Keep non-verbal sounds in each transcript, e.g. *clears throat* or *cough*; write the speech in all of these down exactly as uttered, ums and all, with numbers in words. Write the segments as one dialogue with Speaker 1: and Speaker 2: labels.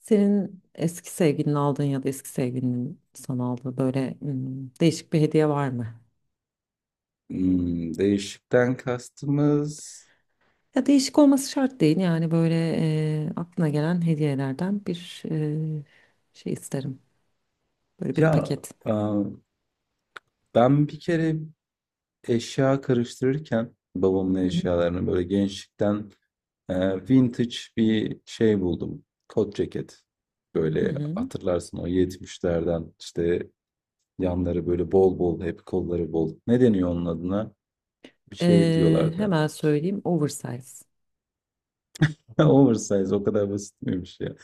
Speaker 1: Senin eski sevgilinin aldığın ya da eski sevgilinin sana aldığı böyle hmm, değişik bir hediye var mı?
Speaker 2: Imm, değişikten kastımız
Speaker 1: Ya değişik olması şart değil yani böyle e, aklına gelen hediyelerden bir e, şey isterim. Böyle bir
Speaker 2: ya,
Speaker 1: paket.
Speaker 2: aaa, ben bir kere eşya karıştırırken babamın
Speaker 1: Hı hı.
Speaker 2: eşyalarını, böyle, gençlikten, eee, vintage bir şey buldum. Kot ceket.
Speaker 1: Hı
Speaker 2: Böyle,
Speaker 1: hı.
Speaker 2: hatırlarsın o yetmişlerden işte, yanları, böyle, bol bol, hep kolları bol. Ne deniyor onun adına? Bir şey
Speaker 1: E,
Speaker 2: diyorlardı.
Speaker 1: hemen söyleyeyim oversize.
Speaker 2: *laughs* Oversize o kadar basit miymiş ya?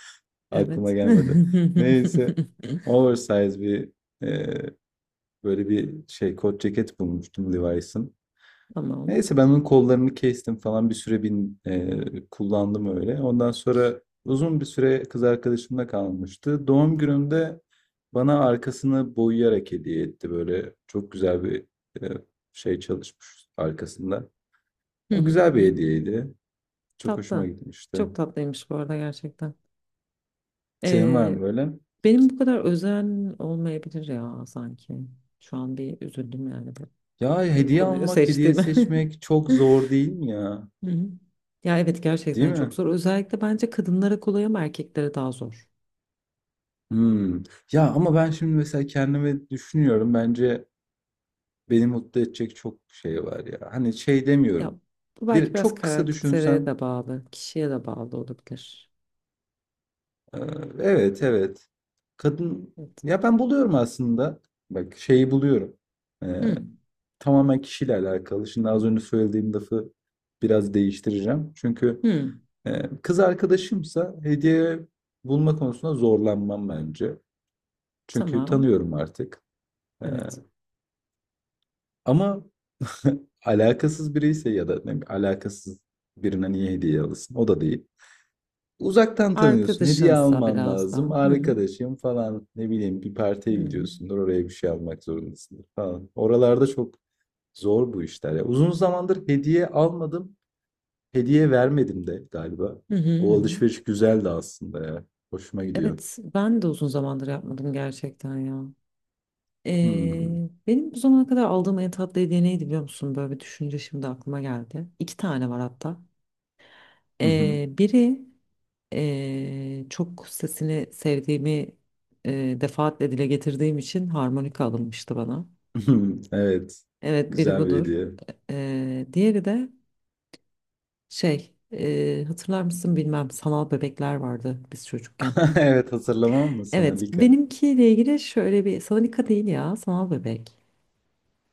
Speaker 2: Aklıma
Speaker 1: Evet.
Speaker 2: gelmedi.
Speaker 1: *laughs*
Speaker 2: Neyse, oversize bir, eee böyle bir şey kot ceket bulmuştum Levi's'ın.
Speaker 1: Tamam.
Speaker 2: Neyse, ben onun kollarını kestim falan, bir süre bin, e, kullandım öyle. Ondan sonra uzun bir süre kız arkadaşımla kalmıştı. Doğum günümde bana arkasını boyayarak hediye etti. Böyle çok güzel bir e, şey çalışmış arkasında.
Speaker 1: Hı
Speaker 2: O
Speaker 1: hı.
Speaker 2: güzel bir
Speaker 1: Hı.
Speaker 2: hediyeydi. Çok hoşuma
Speaker 1: Tatlı.
Speaker 2: gitmişti.
Speaker 1: Çok tatlıymış bu arada gerçekten.
Speaker 2: Senin var mı böyle?
Speaker 1: Benim bu kadar özen olmayabilir ya sanki. Şu an bir üzüldüm yani
Speaker 2: Ya
Speaker 1: bu
Speaker 2: hediye
Speaker 1: konuyu
Speaker 2: almak, hediye
Speaker 1: seçtiğime.
Speaker 2: seçmek çok
Speaker 1: *laughs*
Speaker 2: zor değil mi ya?
Speaker 1: Hı hı. Ya evet,
Speaker 2: Değil
Speaker 1: gerçekten çok
Speaker 2: mi?
Speaker 1: zor. Özellikle bence kadınlara kolay ama erkeklere daha zor.
Speaker 2: Hımm. Ya, ama ben şimdi mesela kendimi düşünüyorum. Bence beni mutlu edecek çok şey var ya. Hani şey
Speaker 1: Ya
Speaker 2: demiyorum.
Speaker 1: bu belki
Speaker 2: Bir
Speaker 1: biraz
Speaker 2: çok kısa
Speaker 1: karaktere
Speaker 2: düşünsem,
Speaker 1: de bağlı, kişiye de bağlı olabilir.
Speaker 2: eee, evet, evet. Kadın
Speaker 1: Evet.
Speaker 2: ya, ben buluyorum aslında. Bak, şeyi buluyorum. Eee,
Speaker 1: Hı.
Speaker 2: Tamamen kişiyle alakalı. Şimdi az önce söylediğim lafı biraz değiştireceğim. Çünkü,
Speaker 1: Hı.
Speaker 2: eee, kız arkadaşımsa hediye bulma konusunda zorlanmam bence. Çünkü
Speaker 1: Tamam.
Speaker 2: tanıyorum artık. Eee,
Speaker 1: Evet.
Speaker 2: ama *laughs* alakasız biri ise ya da ne bileyim, alakasız birine niye hediye alırsın? O da değil. Uzaktan tanıyorsun. Hediye
Speaker 1: Arkadaşınsa
Speaker 2: alman
Speaker 1: biraz daha.
Speaker 2: lazım.
Speaker 1: Hı hı.
Speaker 2: Arkadaşım falan, ne bileyim, bir
Speaker 1: Hı
Speaker 2: partiye
Speaker 1: hı.
Speaker 2: gidiyorsundur. Oraya bir şey almak zorundasındır falan. Oralarda çok zor bu işler ya. Uzun zamandır hediye almadım. Hediye vermedim de galiba.
Speaker 1: Hı hı. Hı
Speaker 2: O
Speaker 1: hı.
Speaker 2: alışveriş güzeldi aslında ya. Hoşuma gidiyor.
Speaker 1: Evet, ben de uzun zamandır yapmadım gerçekten ya.
Speaker 2: Hmm.
Speaker 1: Ee, benim bu zamana kadar aldığım en tatlı hediye neydi biliyor musun? Böyle bir düşünce şimdi aklıma geldi. İki tane var hatta. Ee,
Speaker 2: *laughs*
Speaker 1: biri ee, çok sesini sevdiğimi ee, defaatle dile getirdiğim için harmonika alınmıştı bana.
Speaker 2: Evet.
Speaker 1: Evet, biri
Speaker 2: Güzel bir
Speaker 1: budur.
Speaker 2: hediye.
Speaker 1: Ee, diğeri de şey ee, hatırlar mısın bilmem, sanal bebekler vardı biz çocukken.
Speaker 2: *laughs* Evet, hatırlamam mı sana
Speaker 1: Evet,
Speaker 2: Lika?
Speaker 1: benimkiyle ilgili şöyle bir sana dikkat değil ya sanal bebek.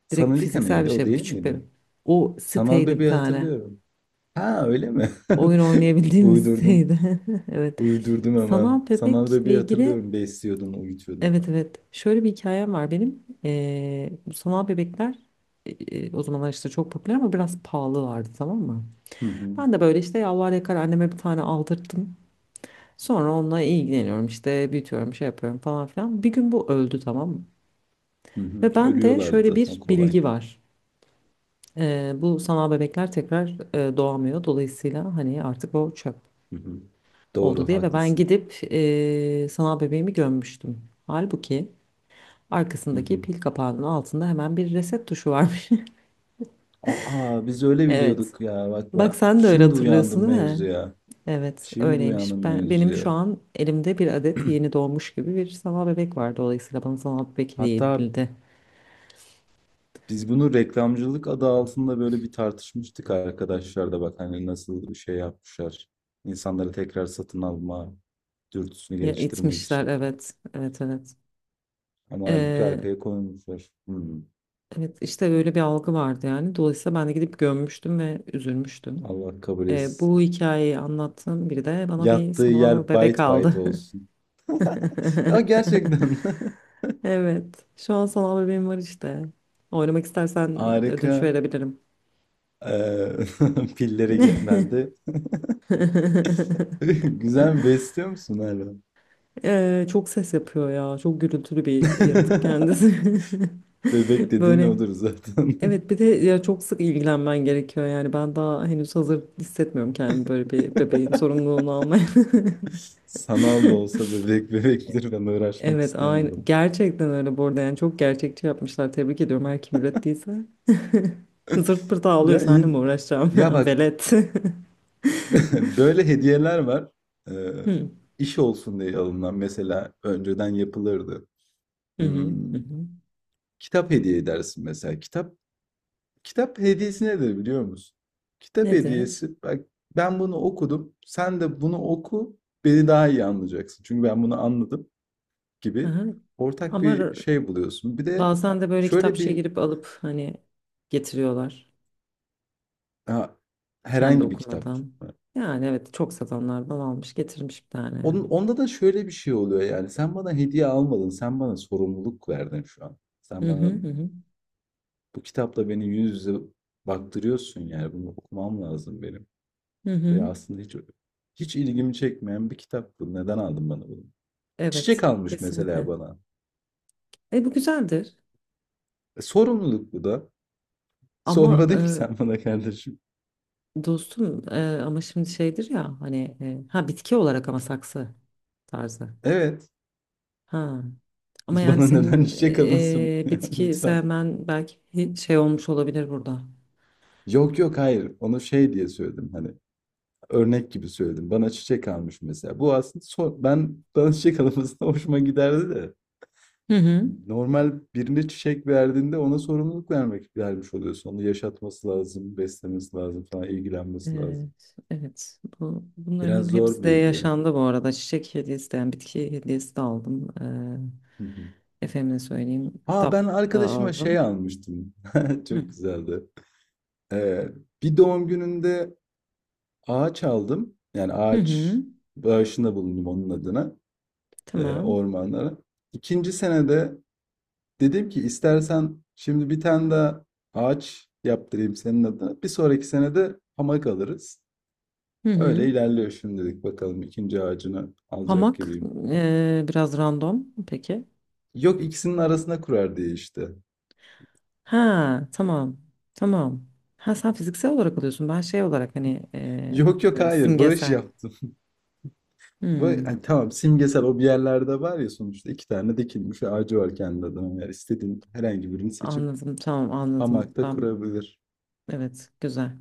Speaker 2: Sana
Speaker 1: Direkt fiziksel bir
Speaker 2: neydi? O
Speaker 1: şey bu
Speaker 2: değil
Speaker 1: küçük
Speaker 2: miydi?
Speaker 1: bebek. O
Speaker 2: Sanal
Speaker 1: siteydi bir
Speaker 2: Bebeği
Speaker 1: tane.
Speaker 2: hatırlıyorum. Ha, öyle mi?
Speaker 1: Oyun
Speaker 2: *laughs*
Speaker 1: oynayabildiğimiz *laughs*
Speaker 2: Uydurdum.
Speaker 1: siteydi. *laughs* Evet.
Speaker 2: Uydurdum hemen.
Speaker 1: Sanal
Speaker 2: Sanal
Speaker 1: bebekle
Speaker 2: Bebeği
Speaker 1: ilgili
Speaker 2: hatırlıyorum, besliyordum, uyutuyordum.
Speaker 1: evet evet. Şöyle bir hikayem var benim. Ee, bu sanal bebekler e, e, o zamanlar işte çok popüler ama biraz pahalılardı, tamam mı?
Speaker 2: Hı hı.
Speaker 1: Ben de böyle işte yalvar yakar anneme bir tane aldırttım. Sonra onunla ilgileniyorum işte, büyütüyorum, şey yapıyorum falan filan. Bir gün bu öldü, tamam mı?
Speaker 2: Hı hı.
Speaker 1: Ve bende
Speaker 2: Ölüyorlardı
Speaker 1: şöyle
Speaker 2: zaten,
Speaker 1: bir
Speaker 2: kolay.
Speaker 1: bilgi var. Ee, bu sanal bebekler tekrar e, doğamıyor. Dolayısıyla hani artık o çöp
Speaker 2: Hı hı.
Speaker 1: oldu
Speaker 2: Doğru,
Speaker 1: diye ve ben
Speaker 2: haklısın.
Speaker 1: gidip e, sanal bebeğimi gömmüştüm. Halbuki
Speaker 2: Hı
Speaker 1: arkasındaki
Speaker 2: hı.
Speaker 1: pil kapağının altında hemen bir reset tuşu varmış. *laughs*
Speaker 2: Aa, biz öyle
Speaker 1: Evet.
Speaker 2: biliyorduk ya. Bak,
Speaker 1: Bak,
Speaker 2: ben
Speaker 1: sen de öyle
Speaker 2: şimdi
Speaker 1: hatırlıyorsun
Speaker 2: uyandım
Speaker 1: değil mi?
Speaker 2: mevzuya.
Speaker 1: Evet,
Speaker 2: Şimdi
Speaker 1: öyleymiş.
Speaker 2: uyandım
Speaker 1: Ben benim
Speaker 2: mevzuya.
Speaker 1: şu an elimde bir adet yeni doğmuş gibi bir sanal bebek var. Dolayısıyla bana sanal
Speaker 2: *clears throat*
Speaker 1: bebek hediye
Speaker 2: Hatta
Speaker 1: edildi.
Speaker 2: biz bunu reklamcılık adı altında böyle bir tartışmıştık arkadaşlar. Da bak hani, nasıl bir şey yapmışlar. İnsanları tekrar satın alma dürtüsünü
Speaker 1: Ya
Speaker 2: geliştirmek
Speaker 1: itmişler,
Speaker 2: için.
Speaker 1: evet. Evet
Speaker 2: Ama halbuki
Speaker 1: evet.
Speaker 2: arkaya koymuşlar. Hmm,
Speaker 1: Evet, işte öyle bir algı vardı yani. Dolayısıyla ben de gidip gömmüştüm ve üzülmüştüm.
Speaker 2: Allah kabul
Speaker 1: Ee, bu
Speaker 2: etsin.
Speaker 1: hikayeyi anlattığım biri de bana bir
Speaker 2: Yattığı
Speaker 1: sanal
Speaker 2: yer
Speaker 1: bebek
Speaker 2: bayt
Speaker 1: aldı.
Speaker 2: bayt
Speaker 1: *laughs*
Speaker 2: olsun. Ya gerçekten *laughs*
Speaker 1: Evet. Şu an sanal bebeğim var işte. Oynamak istersen ödünç
Speaker 2: harika.
Speaker 1: verebilirim.
Speaker 2: Ee, *laughs* pilleri ge- bende.
Speaker 1: *laughs*
Speaker 2: *laughs* Güzel, mi besliyor musun hala?
Speaker 1: Ee, çok ses yapıyor ya. Çok gürültülü bir yaratık
Speaker 2: *laughs*
Speaker 1: kendisi.
Speaker 2: Bebek
Speaker 1: *laughs*
Speaker 2: dediğin
Speaker 1: Böyle.
Speaker 2: odur zaten.
Speaker 1: Evet, bir de ya çok sık ilgilenmen gerekiyor yani, ben daha henüz hazır hissetmiyorum kendimi böyle bir bebeğin
Speaker 2: *laughs*
Speaker 1: sorumluluğunu almaya.
Speaker 2: Sanal da olsa bebek *laughs* bebektir, ben uğraşmak
Speaker 1: Evet, aynı.
Speaker 2: istemiyorum.
Speaker 1: Gerçekten öyle bu arada. Yani çok gerçekçi yapmışlar. Tebrik ediyorum her kim ürettiyse. Zırt pırt ağlıyor.
Speaker 2: Ya
Speaker 1: Seninle mi
Speaker 2: in-
Speaker 1: uğraşacağım?
Speaker 2: Ya
Speaker 1: *laughs*
Speaker 2: bak,
Speaker 1: Velet. *laughs*
Speaker 2: *laughs* böyle hediyeler var. Ee,
Speaker 1: Hı
Speaker 2: iş olsun diye alınan, mesela, önceden yapılırdı.
Speaker 1: hı
Speaker 2: Hmm,
Speaker 1: hı. Hı. Hı.
Speaker 2: Kitap hediye edersin mesela. Kitap kitap hediyesi nedir biliyor musun? Kitap
Speaker 1: Nedir?
Speaker 2: hediyesi, bak, ben bunu okudum. Sen de bunu oku. Beni daha iyi anlayacaksın. Çünkü ben bunu anladım gibi
Speaker 1: Aha.
Speaker 2: ortak
Speaker 1: Ama r-
Speaker 2: bir şey buluyorsun. Bir de
Speaker 1: Bazen de böyle
Speaker 2: şöyle
Speaker 1: kitapçıya
Speaker 2: bir.
Speaker 1: girip alıp hani getiriyorlar.
Speaker 2: Ha,
Speaker 1: Kendi
Speaker 2: herhangi bir kitap.
Speaker 1: okumadan. Yani evet, çok satanlardan almış getirmiş bir tane
Speaker 2: Onun,
Speaker 1: yani.
Speaker 2: onda da şöyle bir şey oluyor yani. Sen bana hediye almadın. Sen bana sorumluluk verdin şu an.
Speaker 1: Hı
Speaker 2: Sen
Speaker 1: hı
Speaker 2: bana
Speaker 1: hı. Hı.
Speaker 2: bu kitapla beni yüz yüze baktırıyorsun yani. Bunu okumam lazım benim.
Speaker 1: Hı
Speaker 2: Ve
Speaker 1: hı.
Speaker 2: aslında hiç hiç ilgimi çekmeyen bir kitap bu. Neden aldın bana bunu? Çiçek
Speaker 1: Evet,
Speaker 2: almış mesela
Speaker 1: kesinlikle.
Speaker 2: bana.
Speaker 1: E, bu güzeldir.
Speaker 2: E, sorumluluk bu da.
Speaker 1: Ama
Speaker 2: Sormadın ki sen bana kardeşim.
Speaker 1: dostum, e, ama şimdi şeydir ya hani e, ha bitki olarak ama saksı tarzı.
Speaker 2: Evet.
Speaker 1: Ha. Ama
Speaker 2: *laughs*
Speaker 1: yani
Speaker 2: Bana neden
Speaker 1: senin
Speaker 2: çiçek alınsın? *laughs*
Speaker 1: e, bitki
Speaker 2: Lütfen.
Speaker 1: sevmen belki şey olmuş olabilir burada.
Speaker 2: Yok, yok, hayır. Onu şey diye söyledim hani. Örnek gibi söyledim. Bana çiçek almış mesela. Bu aslında son- ben, bana çiçek almasına *laughs* hoşuma giderdi de.
Speaker 1: Hı hı.
Speaker 2: Normal birine çiçek verdiğinde ona sorumluluk vermek vermiş oluyorsun. Onu yaşatması lazım, beslemesi lazım falan, ilgilenmesi lazım.
Speaker 1: Evet, evet. Bu,
Speaker 2: Biraz
Speaker 1: bunların hepsi
Speaker 2: zor
Speaker 1: de
Speaker 2: bir hediye. Hı
Speaker 1: yaşandı bu arada. Çiçek hediyesi de yani bitki hediyesi de aldım.
Speaker 2: hı.
Speaker 1: Ee, efendime söyleyeyim.
Speaker 2: Ha,
Speaker 1: Kitap
Speaker 2: ben
Speaker 1: da
Speaker 2: arkadaşıma
Speaker 1: aldım.
Speaker 2: şey almıştım. *laughs*
Speaker 1: Hı.
Speaker 2: Çok güzeldi. Ee, Bir doğum gününde ağaç aldım. Yani
Speaker 1: Hı hı.
Speaker 2: ağaç bağışında bulundum onun adına, e,
Speaker 1: Tamam.
Speaker 2: ormanlara. İkinci senede dedim ki, istersen şimdi bir tane daha ağaç yaptırayım senin adına. Bir sonraki sene de hamak alırız.
Speaker 1: Hı hı.
Speaker 2: Öyle ilerliyor şimdilik, bakalım, ikinci ağacını alacak
Speaker 1: Hamak
Speaker 2: gibiyim.
Speaker 1: ee, biraz random. Peki.
Speaker 2: Yok, ikisinin arasına kurar diye işte.
Speaker 1: Ha, tamam. Tamam. Ha, sen fiziksel olarak alıyorsun. Ben şey olarak hani eee,
Speaker 2: Yok, yok,
Speaker 1: böyle
Speaker 2: hayır, bağış
Speaker 1: simgesel.
Speaker 2: yaptım. *laughs* Ba- Hani
Speaker 1: Hmm,
Speaker 2: tamam, simgesel, o bir yerlerde var ya sonuçta iki tane dikilmiş ağacı var kendi adına. Yani istediğin herhangi birini seçip
Speaker 1: anladım. Tamam, anladım.
Speaker 2: hamakta
Speaker 1: Ben
Speaker 2: kurabilir.
Speaker 1: evet, güzel.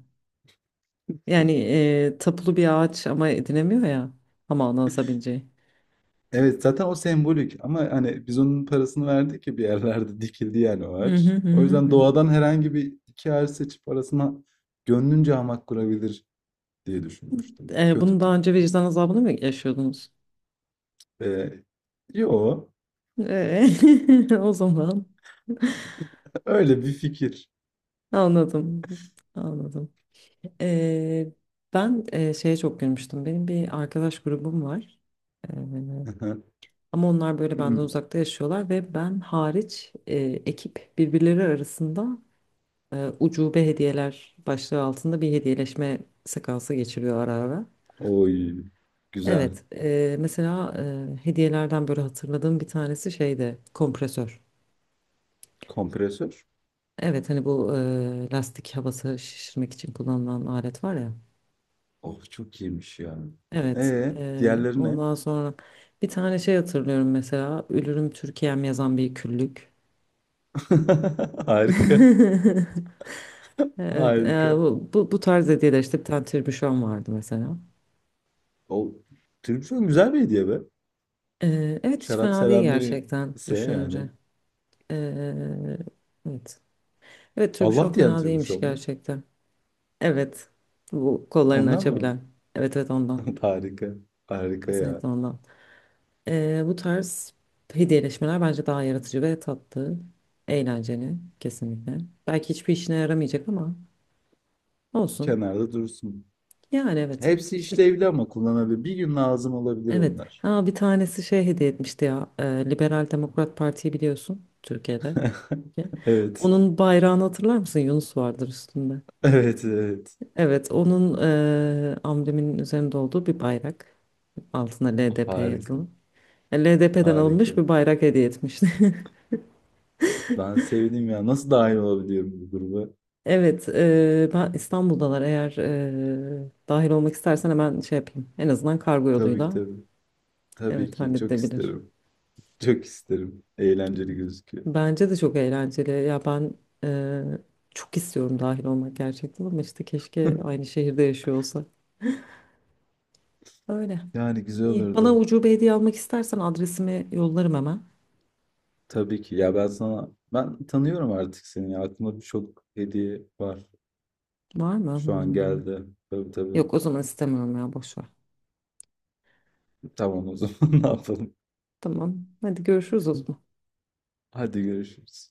Speaker 1: Yani eee tapulu bir ağaç ama edinemiyor ya. Ama anlasabileceği.
Speaker 2: Evet, zaten o sembolik ama hani biz onun parasını verdik ki bir yerlerde *laughs* dikildi yani o
Speaker 1: Hı hı
Speaker 2: ağaç.
Speaker 1: hı
Speaker 2: O
Speaker 1: hı.
Speaker 2: yüzden
Speaker 1: Hı.
Speaker 2: doğadan herhangi bir iki ağaç seçip arasına gönlünce hamak kurabilir diye düşünmüştüm.
Speaker 1: Eee,
Speaker 2: Kötü
Speaker 1: bunu
Speaker 2: mü?
Speaker 1: daha önce vicdan azabını mı yaşıyordunuz?
Speaker 2: Ee, Yo,
Speaker 1: Eee, *laughs* o zaman
Speaker 2: öyle bir fikir.
Speaker 1: anladım. Anladım. Eee, Ben eee, şeye çok gülmüştüm. Benim bir arkadaş grubum var.
Speaker 2: *laughs*
Speaker 1: Ama onlar böyle benden uzakta yaşıyorlar ve ben hariç e, ekip birbirleri arasında e, ucube hediyeler başlığı altında bir hediyeleşme sekansı geçiriyor ara ara.
Speaker 2: Oy güzel.
Speaker 1: Evet, e, mesela e, hediyelerden böyle hatırladığım bir tanesi şeyde kompresör.
Speaker 2: Kompresör.
Speaker 1: Evet, hani bu e, lastik havası şişirmek için kullanılan alet var ya.
Speaker 2: Oh, çok iyiymiş ya.
Speaker 1: Evet,
Speaker 2: Ee
Speaker 1: e,
Speaker 2: diğerleri ne?
Speaker 1: ondan sonra bir tane şey hatırlıyorum mesela, Ölürüm Türkiye'm yazan bir küllük.
Speaker 2: *laughs* Harika.
Speaker 1: *laughs* Evet, e,
Speaker 2: Harika.
Speaker 1: bu, bu, bu tarz hediyeler işte, bir tane tribüşon vardı mesela.
Speaker 2: O, tribüşon güzel bir hediye be.
Speaker 1: E, evet, hiç
Speaker 2: Şarap
Speaker 1: fena değil
Speaker 2: seven biri
Speaker 1: gerçekten
Speaker 2: ise yani.
Speaker 1: düşününce. E, evet. Evet, tribüşon
Speaker 2: Allah diyen
Speaker 1: fena
Speaker 2: tür bir şey
Speaker 1: değilmiş
Speaker 2: mu?
Speaker 1: gerçekten. Evet. Bu kollarını
Speaker 2: Ondan mı?
Speaker 1: açabilen. Evet evet, ondan.
Speaker 2: *laughs* Harika. Harika ya.
Speaker 1: Kesinlikle ondan. E, bu tarz hediyeleşmeler bence daha yaratıcı ve tatlı. Eğlenceli kesinlikle. Belki hiçbir işine yaramayacak ama olsun.
Speaker 2: Kenarda dursun.
Speaker 1: Yani evet.
Speaker 2: Hepsi
Speaker 1: İşte
Speaker 2: işlevli ama kullanabilir. Bir gün lazım olabilir
Speaker 1: evet.
Speaker 2: onlar.
Speaker 1: Ha, bir tanesi şey hediye etmişti ya. e, Liberal Demokrat Parti'yi biliyorsun, Türkiye'de.
Speaker 2: *laughs* Evet.
Speaker 1: Onun bayrağını hatırlar mısın? Yunus vardır üstünde.
Speaker 2: Evet, evet.
Speaker 1: Evet, onun e, ambleminin üzerinde olduğu bir bayrak. Altına L D P
Speaker 2: Harika.
Speaker 1: yazılı. L D P'den
Speaker 2: Harika.
Speaker 1: alınmış bir bayrak hediye etmişti. *laughs*
Speaker 2: Ben sevdim ya. Nasıl dahil olabiliyorum bu gruba?
Speaker 1: Evet, e, ben İstanbul'dalar. Eğer e, dahil olmak istersen hemen şey yapayım. En azından kargo
Speaker 2: Tabii ki,
Speaker 1: yoluyla.
Speaker 2: tabii. Tabii
Speaker 1: Evet,
Speaker 2: ki. Çok
Speaker 1: halledilebilir.
Speaker 2: isterim. Çok isterim. Eğlenceli gözüküyor. *laughs*
Speaker 1: Bence de çok eğlenceli. Ya ben e, çok istiyorum dahil olmak gerçekten ama işte keşke aynı şehirde yaşıyor olsak. Öyle.
Speaker 2: Yani güzel
Speaker 1: İyi. Bana
Speaker 2: olurdu.
Speaker 1: ucube hediye almak istersen adresimi yollarım hemen.
Speaker 2: Tabii ki. Ya ben sana ben tanıyorum artık seni. Aklımda birçok hediye var.
Speaker 1: Var mı?
Speaker 2: Şu an
Speaker 1: Hmm.
Speaker 2: geldi. Tabii, tabii.
Speaker 1: Yok, o zaman istemiyorum ya, boş ver.
Speaker 2: Tamam o zaman, *laughs* ne yapalım.
Speaker 1: Tamam. Hadi görüşürüz o zaman.
Speaker 2: Hadi görüşürüz.